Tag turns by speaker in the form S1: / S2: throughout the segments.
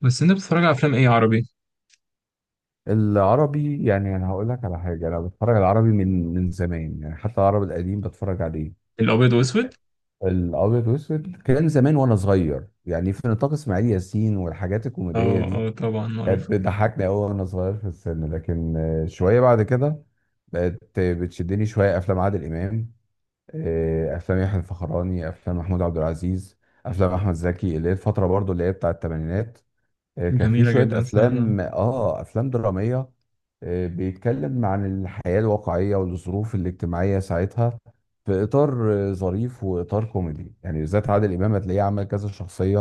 S1: بس انت بتتفرج على افلام ايه عربي؟
S2: العربي، يعني انا هقول لك على حاجه. انا بتفرج على العربي من زمان، يعني حتى العربي القديم بتفرج عليه
S1: الابيض واسود.
S2: الابيض واسود. كان زمان وانا صغير، يعني في نطاق اسماعيل ياسين، والحاجات الكوميديه
S1: اه.
S2: دي
S1: اه طبعا معروف،
S2: كانت بتضحكني قوي وانا صغير في السن. لكن شويه بعد كده بقت بتشدني شويه افلام عادل امام. افلام يحيى الفخراني، افلام محمود عبد العزيز، افلام احمد زكي، اللي هي الفتره برضو اللي هي بتاع الثمانينات. كان في
S1: جميله
S2: شوية
S1: جدا. فانا
S2: أفلام أفلام درامية. بيتكلم عن الحياة الواقعية والظروف الاجتماعية ساعتها، في إطار ظريف وإطار كوميدي، يعني بالذات عادل إمام هتلاقيه عمل كذا شخصية.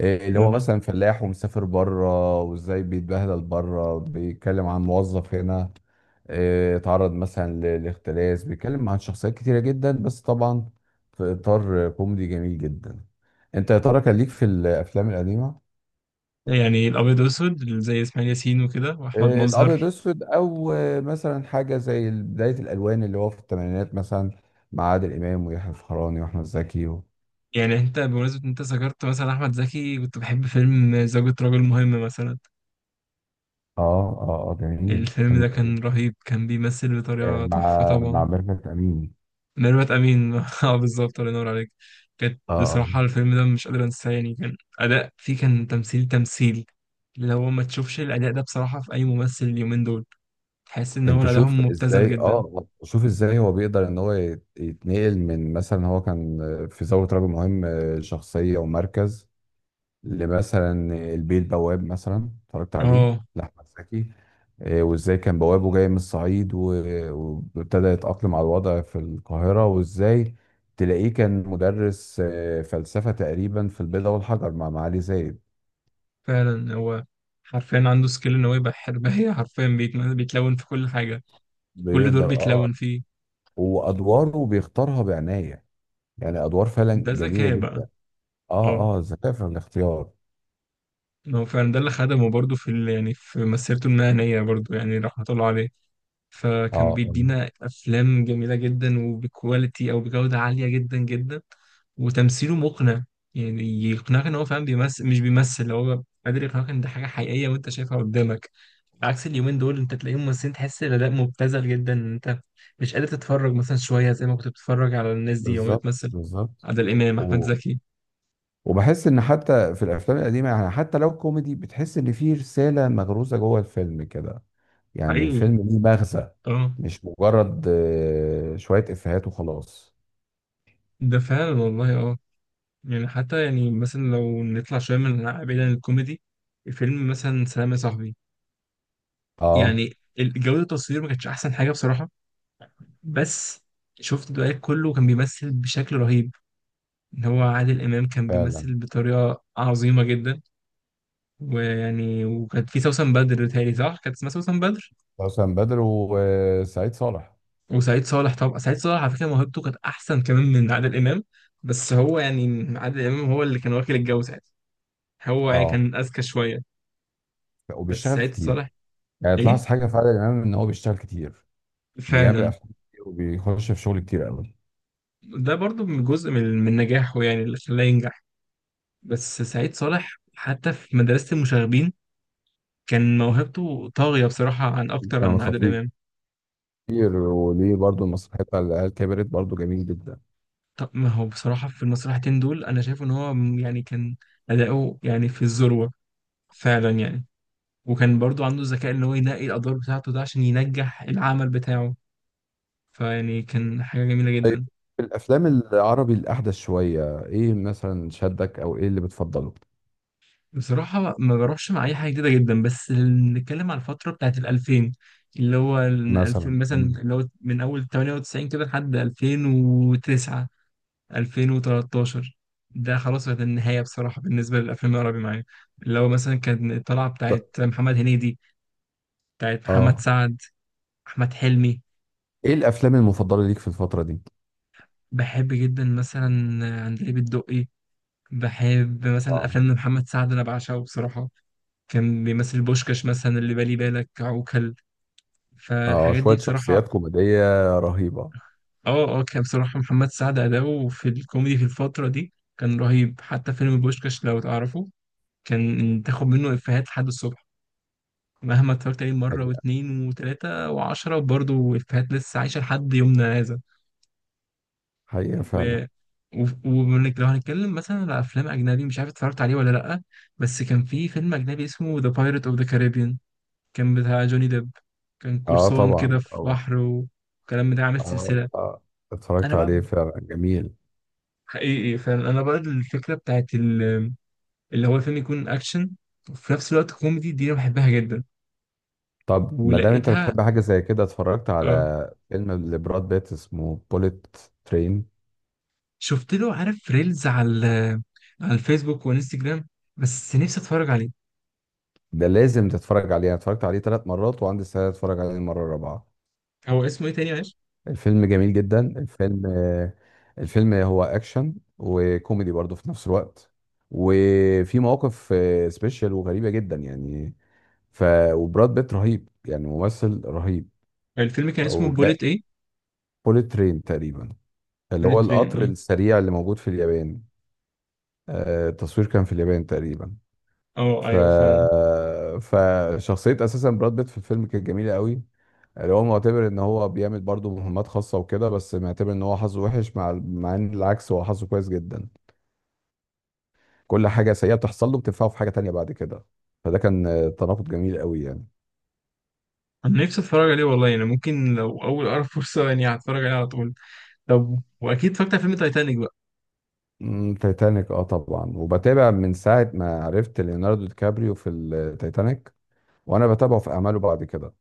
S2: اللي هو
S1: آه.
S2: مثلا فلاح ومسافر بره وإزاي بيتبهدل بره، بيتكلم عن موظف هنا، اتعرض مثلا لاختلاس، بيتكلم عن شخصيات كتيرة جدا. بس طبعا في إطار كوميدي جميل جدا. أنت يا ترى كان ليك في الأفلام القديمة؟
S1: يعني الابيض واسود زي اسماعيل ياسين وكده واحمد
S2: الابيض
S1: مظهر.
S2: اسود، او مثلا حاجه زي بدايه الالوان اللي هو في الثمانينات مثلا، مع عادل امام ويحيى الفخراني واحمد زكي و...
S1: يعني انت بمناسبه إن انت ذكرت مثلا احمد زكي، كنت بحب فيلم زوجة رجل مهم مثلا.
S2: اه، اه، اه، جميل، فيلم
S1: الفيلم ده
S2: جميل.
S1: كان رهيب، كان بيمثل بطريقه تحفه
S2: مع
S1: طبعا.
S2: ميرفت امين.
S1: ميرفت امين اه بالظبط، الله ينور عليك. كانت
S2: اه، آه.
S1: بصراحه الفيلم ده مش قادر انساه، يعني كان اداء فيه، كان تمثيل. اللي هو ما تشوفش الاداء ده بصراحه في اي ممثل اليومين دول، تحس ان هو
S2: انت شوف
S1: ادائهم مبتذل
S2: ازاي،
S1: جدا.
S2: اه، شوف ازاي هو بيقدر ان هو يتنقل من مثلا، هو كان في ثوره رجل مهم، شخصيه ومركز، لمثلا البيه البواب، مثلا اتفرجت عليه
S1: اه
S2: لأحمد زكي. وازاي كان بوابه جاي من الصعيد وابتدى يتأقلم على الوضع في القاهرة، وازاي تلاقيه كان مدرس فلسفة تقريبا في البيضة والحجر مع معالي زايد.
S1: فعلا، هو حرفيا عنده سكيل ان هو يبقى حرباية حرفيا بيتلون في كل حاجة، كل دور
S2: بيقدر، اه.
S1: بيتلون فيه.
S2: وأدواره بيختارها بعناية، يعني أدوار فعلا
S1: ده
S2: جميلة
S1: ذكاء بقى.
S2: جدا.
S1: اه،
S2: اه، اه، ذكاء في الاختيار.
S1: ما هو فعلا ده اللي خدمه برضه في يعني في مسيرته المهنية برضه، يعني رحمة الله عليه.
S2: اه،
S1: فكان
S2: آه،
S1: بيدينا أفلام جميلة جدا وبكواليتي أو بجودة عالية جدا جدا، وتمثيله مقنع. يعني يقنعك إن هو فعلا بيمثل، مش بيمثل، هو قادر يقنعك إن ده حاجة حقيقية وأنت شايفها قدامك. عكس اليومين دول انت تلاقيهم ممثلين تحس الاداء مبتذل جدا، ان انت مش قادر تتفرج مثلا شويه زي ما كنت بتتفرج على الناس دي وهي
S2: بالظبط
S1: بتمثل.
S2: بالظبط.
S1: عادل امام، احمد زكي.
S2: وبحس ان حتى في الافلام القديمه، يعني حتى لو كوميدي، بتحس ان في رساله مغروزه جوه الفيلم كده، يعني
S1: حقيقي.
S2: الفيلم ليه مغزى،
S1: اه.
S2: مش مجرد شويه افيهات وخلاص.
S1: ده فعلا والله. اه، يعني حتى يعني مثلا لو نطلع شويه من بعيد عن الكوميدي، فيلم مثلا سلام يا صاحبي،
S2: اه،
S1: يعني جوده التصوير ما كانتش احسن حاجه بصراحه، بس شفت الدقايق كله كان بيمثل بشكل رهيب. ان هو عادل امام كان
S2: فعلا.
S1: بيمثل بطريقه عظيمه جدا. ويعني وكانت في سوسن بدر، تهيألي صح كانت اسمها سوسن بدر.
S2: حسن بدر وسعيد صالح.
S1: وسعيد صالح، طبعا سعيد صالح على فكرة موهبته كانت أحسن كمان من عادل إمام. بس هو يعني عادل إمام هو اللي كان واكل الجو ساعتها، هو يعني
S2: اه،
S1: كان أذكى شوية. بس
S2: وبيشتغل
S1: سعيد صالح.
S2: كتير، يعني
S1: إيه،
S2: تلاحظ حاجه في عادل امام، ان هو بيشتغل كتير، بيعمل
S1: فعلا.
S2: افلام كتير وبيخش في شغل كتير قوي.
S1: ده برضو من جزء من نجاحه، يعني اللي خلاه ينجح. بس سعيد صالح حتى في مدرسة المشاغبين كان موهبته طاغية بصراحة عن أكتر
S2: كان
S1: عن عادل
S2: خطير.
S1: إمام.
S2: وليه برضه المسرحيه بتاع العيال كبرت، برضه جميل جدا.
S1: طب ما هو بصراحة في المسرحتين دول أنا شايف إن هو يعني كان أداؤه يعني في الذروة فعلا، يعني وكان برضو عنده الذكاء ان هو ينقي الادوار بتاعته ده عشان ينجح العمل بتاعه، فيعني كان حاجه جميله
S2: طيب،
S1: جدا.
S2: في الافلام العربي الاحدث شويه، ايه مثلا شدك، او ايه اللي بتفضله؟
S1: بصراحه ما بروحش مع اي حاجه جديده جدا، بس نتكلم على الفتره بتاعت ال 2000، اللي هو ال
S2: مثلا،
S1: 2000 مثلا
S2: مم.
S1: اللي هو من اول 98 كده لحد 2009، 2013. ده خلاص كانت النهايه بصراحه بالنسبه للافلام العربي معايا. اللي هو مثلا كان الطلعه
S2: ط-
S1: بتاعت محمد هنيدي، بتاعت محمد
S2: اه،
S1: سعد، احمد حلمي.
S2: ايه الافلام المفضله ليك في الفتره دي؟
S1: بحب جدا مثلا عندليب الدقي، بحب مثلا
S2: اه،
S1: الافلام لمحمد سعد، انا بعشقه بصراحه. كان بيمثل بوشكاش مثلا، اللي بالي بالك عوكل،
S2: اه،
S1: فالحاجات دي
S2: شويه
S1: بصراحه.
S2: شخصيات كوميديه رهيبه.
S1: اه اه، كان بصراحه محمد سعد اداؤه في الكوميدي في الفتره دي كان رهيب. حتى فيلم بوشكاش لو تعرفه، كان تاخد منه افيهات لحد الصبح، مهما اتفرجت عليه مره
S2: حقيقه،
S1: واتنين وتلاته وعشره، برضه افيهات لسه عايشه لحد يومنا هذا.
S2: حقيقه، فعلا.
S1: و... و... ومنك، لو هنتكلم مثلا على افلام اجنبي، مش عارف اتفرجت عليه ولا لا، بس كان في فيلم اجنبي اسمه ذا بايرت اوف ذا كاريبيان، كان بتاع جوني ديب، كان
S2: اه،
S1: قرصان
S2: طبعا
S1: كده في
S2: طبعا.
S1: بحر وكلام، بتاع عامل
S2: اه،
S1: سلسلة.
S2: آه. اتفرجت
S1: أنا بقى،
S2: عليه فعلا، جميل.
S1: حقيقي فعلا، أنا بقى الفكرة بتاعت اللي هو الفيلم يكون أكشن وفي نفس الوقت كوميدي، دي أنا بحبها جدا
S2: طب ما دام انت
S1: ولقيتها.
S2: بتحب حاجه زي كده، اتفرجت
S1: آه،
S2: على فيلم لبراد بيت اسمه بوليت ترين؟
S1: شفت له، عارف ريلز على على الفيسبوك وانستجرام، بس نفسي أتفرج عليه.
S2: ده لازم تتفرج عليه. انا اتفرجت عليه ثلاث مرات وعندي استعداد اتفرج عليه المره الرابعه.
S1: هو اسمه إيه تاني معلش؟
S2: الفيلم جميل جدا، الفيلم. الفيلم هو اكشن وكوميدي برضه في نفس الوقت، وفي مواقف سبيشال وغريبة جدا يعني. ف وبراد بيت رهيب، يعني ممثل رهيب.
S1: الفيلم كان اسمه
S2: او
S1: بوليت
S2: جاء
S1: إيه؟
S2: بوليت ترين تقريبا، اللي هو
S1: بوليت ترين،
S2: القطر
S1: أه.
S2: السريع اللي موجود في اليابان. التصوير كان في اليابان تقريبا.
S1: أه
S2: ف
S1: أيوه فعلا.
S2: فشخصية اساسا براد بيت في الفيلم كانت جميلة قوي. اللي هو معتبر ان هو بيعمل برضه مهمات خاصه وكده، بس معتبر ان هو حظه وحش، مع ان العكس هو حظه كويس جدا. كل حاجه سيئه بتحصل له بتنفعه في حاجه تانية بعد كده. فده كان تناقض جميل قوي يعني.
S1: أنا نفسي أتفرج عليه والله، يعني ممكن لو أول أقرب فرصة يعني هتفرج عليه على طول. طب واكيد اتفرجت على فيلم تايتانيك بقى.
S2: تايتانيك، اه طبعا، وبتابع من ساعه ما عرفت ليوناردو دي كابريو في التايتانيك، وانا بتابعه في اعماله بعد كده.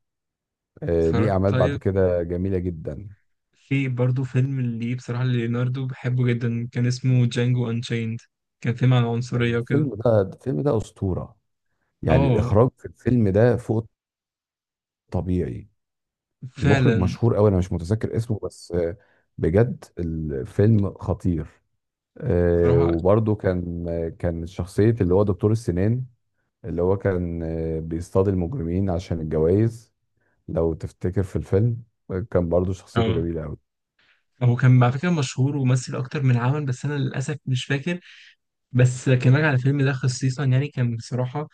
S2: ليه
S1: اتفرجت،
S2: اعمال بعد
S1: طيب.
S2: كده جميله جدا.
S1: في برضه فيلم اللي بصراحه ليوناردو بحبه جدا، كان اسمه جانجو انشيند، كان فيلم عن العنصريه وكده.
S2: الفيلم ده اسطوره. يعني
S1: اه.
S2: الاخراج في الفيلم ده فوق الطبيعي. المخرج
S1: فعلا.
S2: مشهور قوي، انا مش متذكر اسمه، بس بجد الفيلم خطير.
S1: بصراحه.
S2: وبرضه كان كان شخصية اللي هو دكتور السنان، اللي هو كان بيصطاد المجرمين عشان الجوائز، لو تفتكر في الفيلم. كان برضه شخصيته
S1: اه،
S2: جميلة قوي.
S1: هو كان على فكره مشهور ومثل اكتر من عمل، بس انا للاسف مش فاكر. بس كان راجع على الفيلم ده خصيصا، يعني كان بصراحه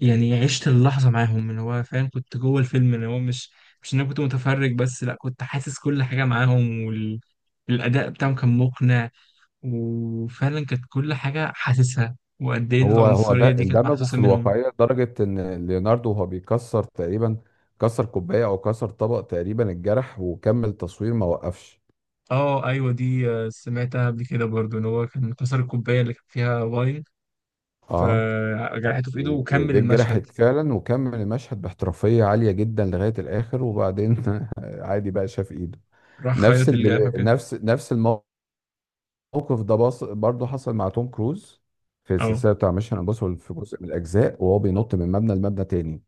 S1: يعني عشت اللحظه معاهم، اللي هو فعلا كنت جوه الفيلم، اللي هو مش ان انا كنت متفرج بس، لا كنت حاسس كل حاجه معاهم، وال الأداء بتاعهم كان مقنع. وفعلا كانت كل حاجة حاسسها، وقد ايه
S2: هو
S1: العنصرية
S2: ده
S1: دي كانت
S2: اندمج
S1: محسوسة
S2: في
S1: منهم.
S2: الواقعية لدرجة ان ليوناردو، وهو بيكسر تقريبا، كسر كوباية او كسر طبق تقريبا، اتجرح وكمل تصوير ما وقفش.
S1: اه ايوه دي، سمعتها قبل كده برضو، ان هو كان كسر الكوباية اللي كان فيها واين،
S2: اه،
S1: فجرحته في ايده وكمل
S2: وايديه
S1: المشهد.
S2: اتجرحت فعلا وكمل المشهد باحترافيه عاليه جدا لغايه الاخر، وبعدين عادي بقى شاف ايده.
S1: راح
S2: نفس
S1: خيط
S2: اللي
S1: الجرح كده.
S2: نفس الموقف ده برضه حصل مع توم كروز، في
S1: اه
S2: السلسله بتاع ميشن امبوسيبل، في جزء من الاجزاء وهو بينط من مبنى لمبنى تاني.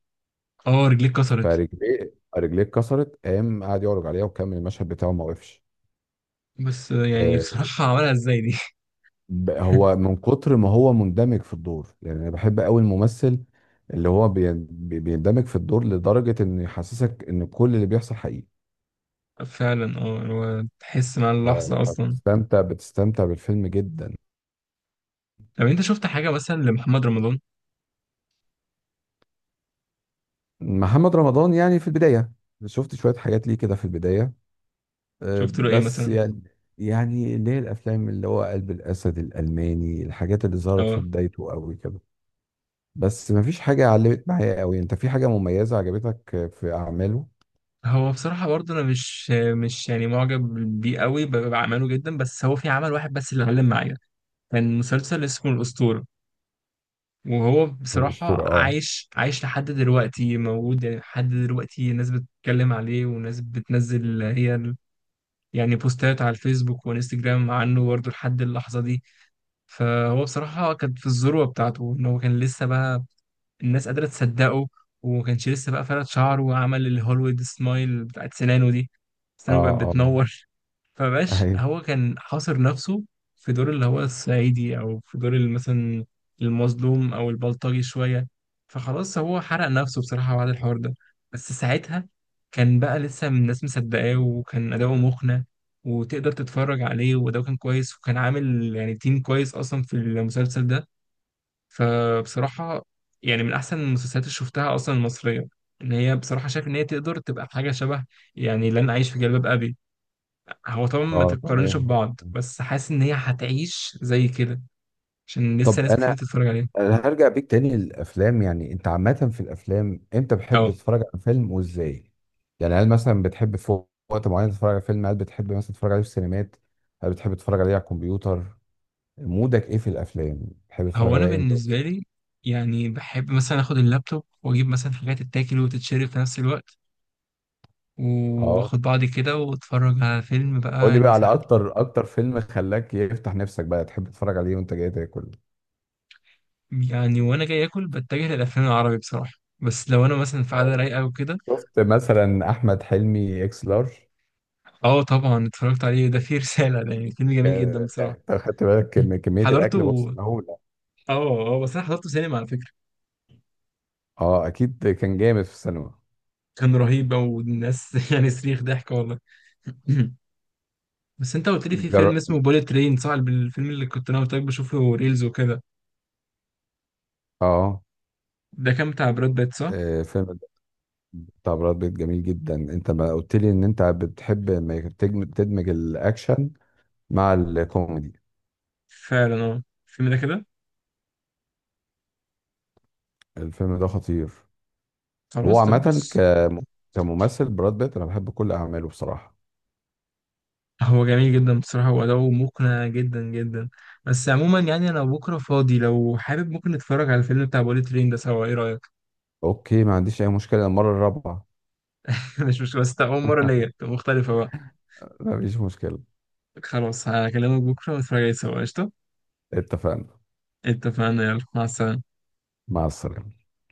S1: اه، رجليه اتكسرت.
S2: رجليه اتكسرت، قام قعد يعرج عليها وكمل المشهد بتاعه ما وقفش.
S1: بس يعني
S2: آه،
S1: بصراحة عملها ازاي دي؟
S2: هو من كتر ما هو مندمج في الدور. يعني انا بحب قوي الممثل اللي هو بيندمج في الدور لدرجة انه يحسسك ان كل اللي بيحصل حقيقي.
S1: فعلا اه، هو تحس مع
S2: ف-
S1: اللحظة اصلا.
S2: فبتستمتع بالفيلم جدا.
S1: طب انت شفت حاجة مثلا لمحمد رمضان؟
S2: محمد رمضان، يعني في البداية شفت شوية حاجات ليه كده في البداية،
S1: شفت له ايه
S2: بس
S1: مثلا؟
S2: يعني، يعني اللي هي الافلام اللي هو قلب الاسد، الالماني، الحاجات اللي ظهرت في
S1: اه،
S2: بدايته قوي كده. بس مفيش حاجة علمت معايا قوي. انت في حاجة مميزة عجبتك في اعماله؟
S1: هو بصراحة برضه أنا مش يعني معجب بيه قوي بعمله جدا، بس هو في عمل واحد بس اللي علم معايا، كان مسلسل اسمه الأسطورة. وهو بصراحة
S2: الاسطورة، اه.
S1: عايش لحد دلوقتي موجود، يعني لحد دلوقتي ناس بتتكلم عليه وناس بتنزل هي يعني بوستات على الفيسبوك وانستجرام عنه برضه لحد اللحظة دي. فهو بصراحة كان في الذروة بتاعته، إن هو كان لسه بقى الناس قادرة تصدقه، وما كانش لسه بقى فرد شعره وعمل الهوليوود سمايل بتاعت سنانه دي، سنانه بقت
S2: اه، اه،
S1: بتنور. فبقاش
S2: ايوه،
S1: هو كان حاصر نفسه في دور اللي هو الصعيدي، او في دور اللي مثلا المظلوم او البلطجي شويه. فخلاص هو حرق نفسه بصراحه بعد الحوار ده. بس ساعتها كان بقى لسه الناس مصدقاه، وكان اداؤه مقنع، وتقدر تتفرج عليه، واداؤه كان كويس، وكان عامل يعني تيم كويس اصلا في المسلسل ده. فبصراحة يعني من أحسن المسلسلات اللي شفتها أصلا المصرية، إن هي بصراحة شايف إن هي تقدر تبقى حاجة شبه يعني لن أعيش في جلباب أبي. هو طبعا ما
S2: اه،
S1: تتقارنش
S2: تمام.
S1: ببعض، بس حاسس إن هي هتعيش زي كده، عشان لسه
S2: طب
S1: ناس كتير
S2: انا،
S1: تتفرج عليها.
S2: أنا هرجع بيك تاني للافلام. يعني انت عامه في الافلام امتى بتحب
S1: أه.
S2: تتفرج على فيلم وازاي؟ يعني هل مثلا بتحب في وقت معين تتفرج على فيلم؟ هل بتحب مثلا تتفرج عليه في السينمات؟ هل بتحب تتفرج عليه على الكمبيوتر؟ مودك ايه في الافلام، بتحب تتفرج
S1: هو أنا
S2: عليها امتى
S1: بالنسبة
S2: وإزاي؟
S1: لي يعني بحب مثلا آخد اللابتوب وأجيب مثلا حاجات تتاكل وتتشرب في نفس الوقت،
S2: اه،
S1: وآخد بعضي كده وأتفرج على فيلم بقى
S2: قول لي
S1: يعني
S2: بقى على
S1: ساعتين.
S2: اكتر اكتر فيلم خلاك يفتح نفسك بقى تحب تتفرج عليه وانت جاي تاكل.
S1: يعني وأنا جاي آكل بتجه للأفلام العربي بصراحة، بس لو أنا مثلا في قعدة رايقة وكده.
S2: شفت مثلا احمد حلمي اكس لارج؟
S1: اه طبعا اتفرجت عليه، ده فيه رسالة، ده يعني فيلم
S2: ك-
S1: جميل جدا
S2: يعني
S1: بصراحة.
S2: انت خدت بالك
S1: مم.
S2: من كميه الاكل؟ بص
S1: حضرته.
S2: اللي هو.
S1: اه. اه بس انا حضرته سينما على فكرة.
S2: اه، اكيد كان جامد في السينما.
S1: كان رهيب او الناس يعني صريخ ضحك والله. بس انت قلت لي في فيلم
S2: جر...
S1: اسمه بوليت ترين صح؟ الفيلم اللي كنت انا قلت لك بشوفه ريلز وكده،
S2: اه.
S1: ده كان بتاع براد بيت صح؟
S2: فيلم بتاع براد بيت جميل جدا. انت ما قلت لي ان انت بتحب ما تدمج الاكشن مع الكوميدي.
S1: فعلا اه، الفيلم ده كده.
S2: الفيلم ده خطير. وهو
S1: خلاص طب
S2: عامه
S1: بص،
S2: كممثل، براد بيت انا بحب كل اعماله بصراحه.
S1: هو جميل جدا بصراحة وأداؤه مقنع جدا جدا. بس عموما يعني أنا بكرة فاضي، لو حابب ممكن نتفرج على الفيلم بتاع بوليت ترين ده سوا، إيه رأيك؟
S2: اوكي، ما عنديش اي مشكله، المره الرابعه.
S1: مش مشكلة، بس تبقى أول مرة ليا، تبقى مختلفة بقى.
S2: مفيش مشكله.
S1: خلاص هكلمك بكرة ونتفرج عليه سوا، قشطة.
S2: اتفقنا،
S1: اتفقنا، يلا مع السلامة.
S2: مع السلامه.